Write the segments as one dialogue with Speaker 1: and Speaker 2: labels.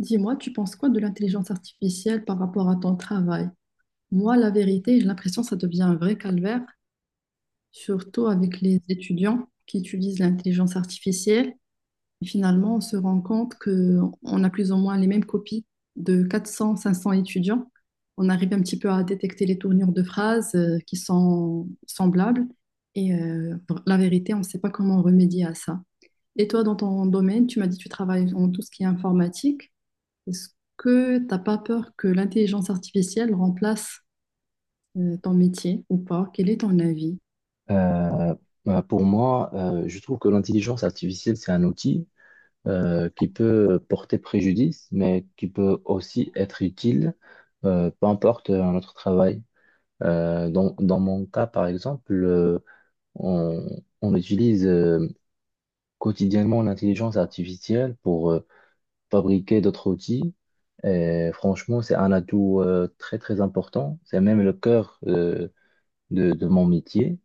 Speaker 1: Dis-moi, tu penses quoi de l'intelligence artificielle par rapport à ton travail? Moi, la vérité, j'ai l'impression que ça devient un vrai calvaire, surtout avec les étudiants qui utilisent l'intelligence artificielle. Et finalement, on se rend compte qu'on a plus ou moins les mêmes copies de 400, 500 étudiants. On arrive un petit peu à détecter les tournures de phrases qui sont semblables. Et la vérité, on ne sait pas comment remédier à ça. Et toi, dans ton domaine, tu m'as dit que tu travailles en tout ce qui est informatique. Est-ce que t'as pas peur que l'intelligence artificielle remplace ton métier ou pas? Quel est ton avis?
Speaker 2: Euh, pour moi, je trouve que l'intelligence artificielle, c'est un outil qui peut porter préjudice, mais qui peut aussi être utile, peu importe notre travail. Dans mon cas, par exemple, on, on utilise quotidiennement l'intelligence artificielle pour fabriquer d'autres outils. Et franchement, c'est un atout très, très important. C'est même le cœur de mon métier.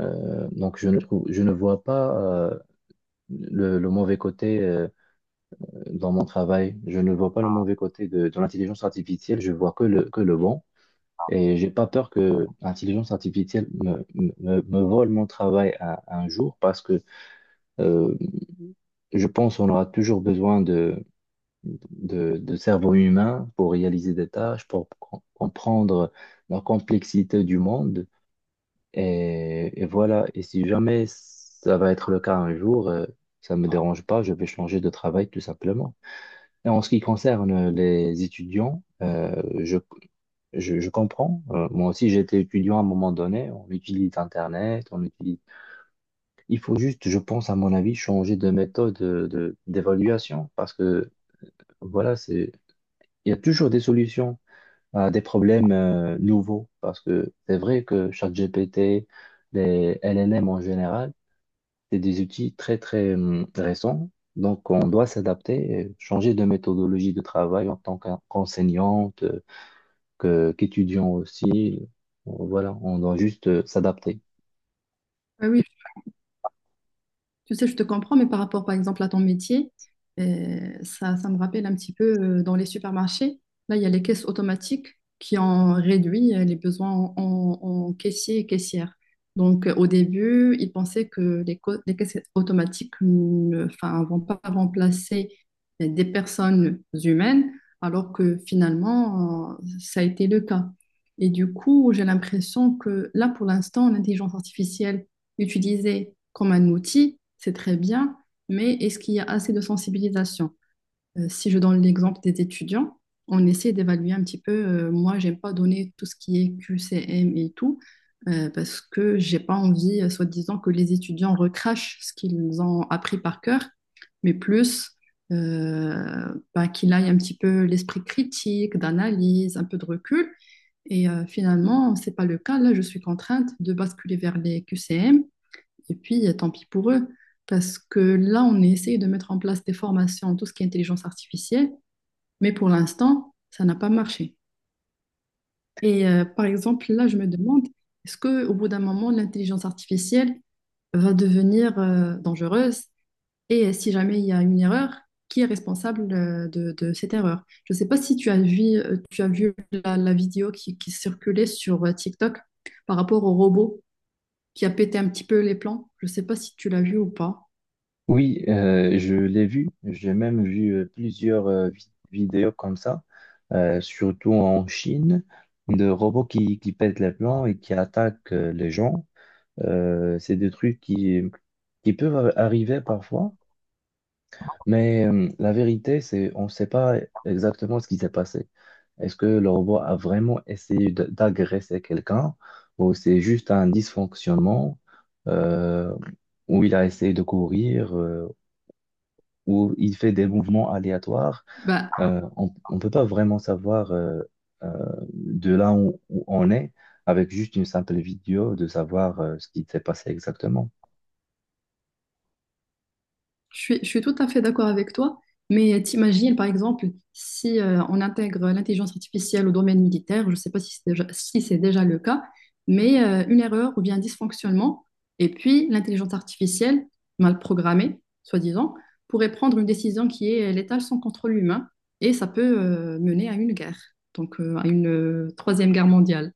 Speaker 2: Donc je ne vois pas le mauvais côté dans mon travail. Je ne vois pas le mauvais côté de l'intelligence artificielle. Je vois que le bon. Et j'ai pas peur que l'intelligence artificielle me vole mon travail un jour parce que euh, je pense qu'on aura toujours besoin de cerveau humain pour réaliser des tâches, pour comprendre la complexité du monde. Et voilà, et si jamais ça va être le cas un jour, ça me dérange pas, je vais changer de travail tout simplement. Et en ce qui concerne les étudiants, je comprends. Moi aussi, j'étais étudiant à un moment donné, on utilise Internet, on utilise... Il faut juste, je pense, à mon avis, changer de méthode d'évaluation parce que, voilà, c'est... Il y a toujours des solutions à des problèmes nouveaux parce que c'est vrai que ChatGPT, les LLM en général, c'est des outils très, très récents. Donc, on doit s'adapter, changer de méthodologie de travail en tant qu'enseignante, qu'étudiant aussi. Voilà, on doit juste s'adapter.
Speaker 1: Ah oui, tu sais, je te comprends, mais par rapport, par exemple, à ton métier, ça, ça me rappelle un petit peu dans les supermarchés. Là, il y a les caisses automatiques qui ont réduit les besoins en caissiers et caissières. Donc, au début, ils pensaient que les caisses automatiques ne enfin, vont pas remplacer des personnes humaines, alors que finalement, ça a été le cas. Et du coup, j'ai l'impression que là, pour l'instant, l'intelligence artificielle utilisé comme un outil, c'est très bien, mais est-ce qu'il y a assez de sensibilisation. Si je donne l'exemple des étudiants, on essaie d'évaluer un petit peu. Moi, j'aime pas donner tout ce qui est QCM et tout, parce que j'ai pas envie, soi-disant, que les étudiants recrachent ce qu'ils ont appris par cœur, mais plus bah, qu'il aille un petit peu l'esprit critique, d'analyse, un peu de recul. Et finalement, c'est pas le cas. Là, je suis contrainte de basculer vers les QCM et puis, tant pis pour eux, parce que là, on essaye de mettre en place des formations, tout ce qui est intelligence artificielle, mais pour l'instant, ça n'a pas marché. Et par exemple, là, je me demande, est-ce que au bout d'un moment, l'intelligence artificielle va devenir dangereuse? Et si jamais il y a une erreur, qui est responsable de cette erreur? Je ne sais pas si tu as vu la vidéo qui circulait sur TikTok par rapport au robot qui a pété un petit peu les plans. Je ne sais pas si tu l'as vu ou pas.
Speaker 2: Oui, je l'ai vu. J'ai même vu plusieurs vidéos comme ça, surtout en Chine, de robots qui pètent les plans et qui attaquent les gens. C'est des trucs qui peuvent arriver parfois. Mais la vérité, c'est on ne sait pas exactement ce qui s'est passé. Est-ce que le robot a vraiment essayé d'agresser quelqu'un ou c'est juste un dysfonctionnement euh, où il a essayé de courir où il fait des mouvements aléatoires,
Speaker 1: Bah,
Speaker 2: on ne peut pas vraiment savoir euh, de là où, où on est avec juste une simple vidéo de savoir ce qui s'est passé exactement.
Speaker 1: je suis tout à fait d'accord avec toi, mais t'imagines, par exemple, si on intègre l'intelligence artificielle au domaine militaire, je ne sais pas si c'est déjà le cas, mais une erreur ou bien un dysfonctionnement, et puis l'intelligence artificielle, mal programmée, soi-disant, pourrait prendre une décision qui est létale sans contrôle humain, et ça peut mener à une guerre, donc à une troisième guerre mondiale.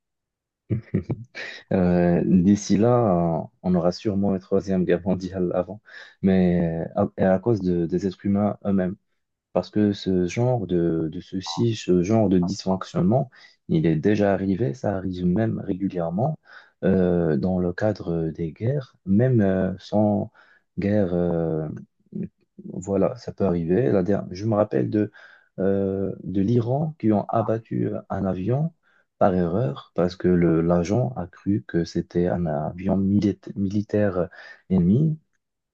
Speaker 2: D'ici là, on aura sûrement une troisième guerre mondiale avant, mais et à cause des êtres humains eux-mêmes. Parce que ce genre de souci, ce genre de dysfonctionnement, il est déjà arrivé, ça arrive même régulièrement dans le cadre des guerres, même sans guerre, voilà, ça peut arriver. Je me rappelle de l'Iran qui ont abattu un avion par erreur parce que l'agent a cru que c'était un avion militaire ennemi.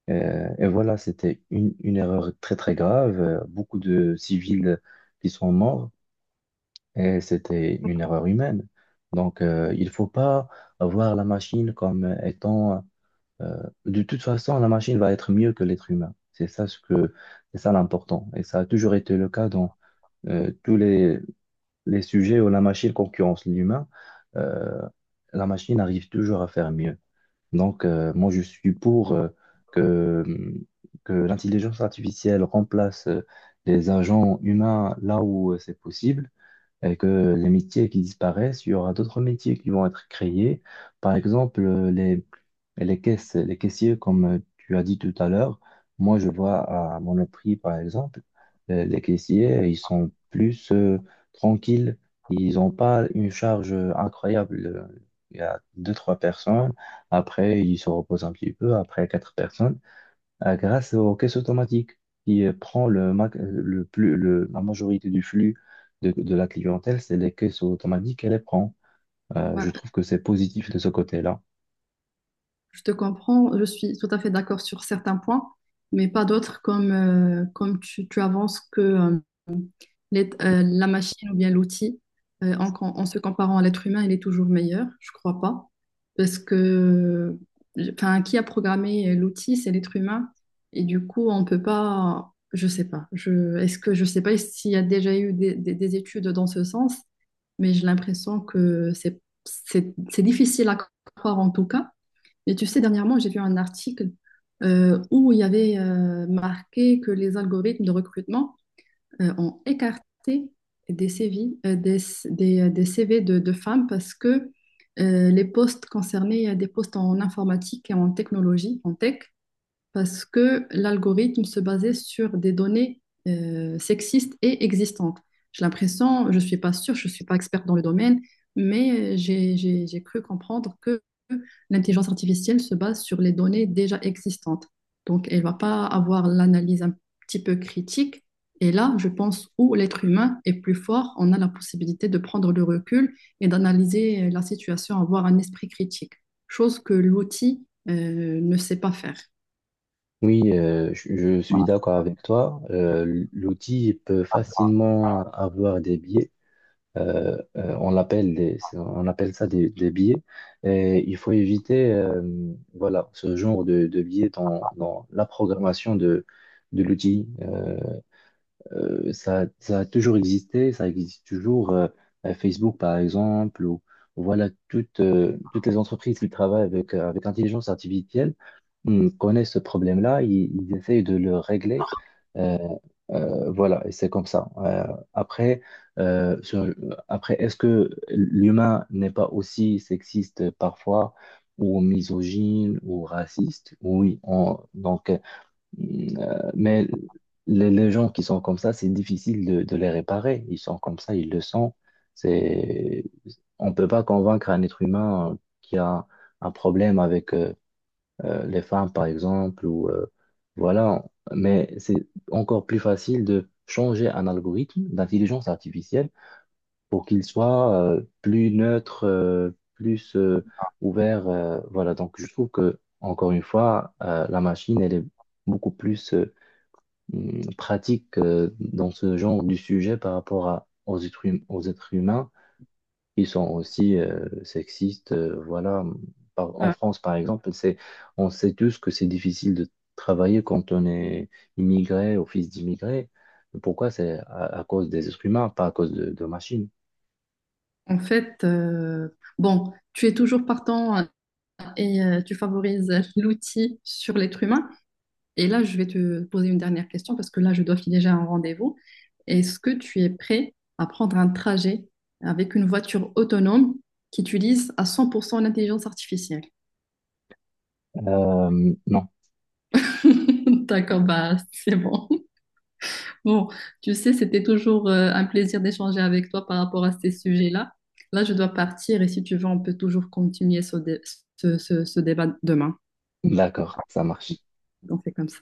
Speaker 2: Et voilà, c'était une erreur très très grave. Beaucoup de civils qui sont morts et c'était une erreur humaine. Donc, il faut pas voir la machine comme étant... de toute façon, la machine va être mieux que l'être humain. C'est ça l'important. Et ça a toujours été le cas dans euh, tous les, les sujets où la machine concurrence l'humain. Euh, la machine arrive toujours à faire mieux. Donc, moi, je suis pour que, que l'intelligence artificielle remplace les agents humains là où c'est possible avec les métiers qui disparaissent, il y aura d'autres métiers qui vont être créés. Par exemple, les caisses, les caissiers, comme tu as dit tout à l'heure, moi je vois à Monoprix, par exemple, les caissiers, ils sont plus tranquilles, ils n'ont pas une charge incroyable. Il y a deux, trois personnes, après ils se reposent un petit peu, après quatre personnes grâce aux caisses automatiques qui prend le, ma- le plus, le- la majorité du flux de la clientèle, c'est les caisses automatiques qu'elle les prend. Je trouve que c'est positif de ce côté-là.
Speaker 1: Je te comprends, je suis tout à fait d'accord sur certains points, mais pas d'autres comme tu avances que la machine ou bien l'outil, en se comparant à l'être humain, il est toujours meilleur. Je crois pas. Parce que enfin, qui a programmé l'outil, c'est l'être humain. Et du coup, on peut pas, je sais pas. Est-ce que je sais pas s'il y a déjà eu des études dans ce sens, mais j'ai l'impression que c'est difficile à croire en tout cas. Et tu sais, dernièrement, j'ai vu un article où il y avait marqué que les algorithmes de recrutement ont écarté des CV, des CV de femmes parce que les postes concernés, des postes en informatique et en technologie, en tech, parce que l'algorithme se basait sur des données sexistes et existantes. J'ai l'impression, je ne suis pas sûre, je ne suis pas experte dans le domaine, mais j'ai cru comprendre que l'intelligence artificielle se base sur les données déjà existantes. Donc, elle ne va pas avoir l'analyse un petit peu critique. Et là, je pense où l'être humain est plus fort, on a la possibilité de prendre le recul et d'analyser la situation, avoir un esprit critique, chose que l'outil ne sait pas faire.
Speaker 2: Oui, je suis d'accord avec toi. L'outil peut facilement avoir des biais. On appelle ça des biais. Et il faut éviter voilà, ce genre de biais dans la programmation de l'outil. Ça a toujours existé, ça existe toujours. À Facebook, par exemple, ou voilà, toutes, toutes les entreprises qui travaillent avec, avec l'intelligence artificielle connaissent ce problème-là, ils essayent de le régler. Euh, voilà, et c'est comme ça. Après, euh, sur- Après, est-ce que l'humain n'est pas aussi sexiste parfois, ou misogyne, ou raciste? Oui, donc Mm, mais les gens qui sont comme ça, c'est difficile de les réparer. Ils sont comme ça, ils le sont. C'est, on peut pas convaincre un être humain qui a un problème avec les femmes, par exemple, ou voilà. Mais c'est encore plus facile de changer un algorithme d'intelligence artificielle pour qu'il soit plus neutre, plus ouvert. Voilà. Donc, je trouve que encore une fois, la machine, elle est beaucoup plus pratique dans ce genre du sujet par rapport à, aux êtres humains qui sont aussi sexistes. Voilà. En France, par exemple, c'est, on sait tous que c'est difficile de travailler quand on est immigré ou fils d'immigré. Pourquoi? C'est à cause des êtres humains, pas à cause de machines.
Speaker 1: En fait, bon, tu es toujours partant hein, et tu favorises l'outil sur l'être humain. Et là, je vais te poser une dernière question parce que là, je dois filer déjà un rendez-vous. Est-ce que tu es prêt à prendre un trajet avec une voiture autonome qui utilise à 100% l'intelligence artificielle?
Speaker 2: Non,
Speaker 1: D'accord, bah c'est bon. Bon, tu sais, c'était toujours un plaisir d'échanger avec toi par rapport à ces sujets-là. Là, je dois partir et si tu veux, on peut toujours continuer ce dé- ce- ce- ce débat demain.
Speaker 2: d'accord, ça marche.
Speaker 1: Donc c'est comme ça.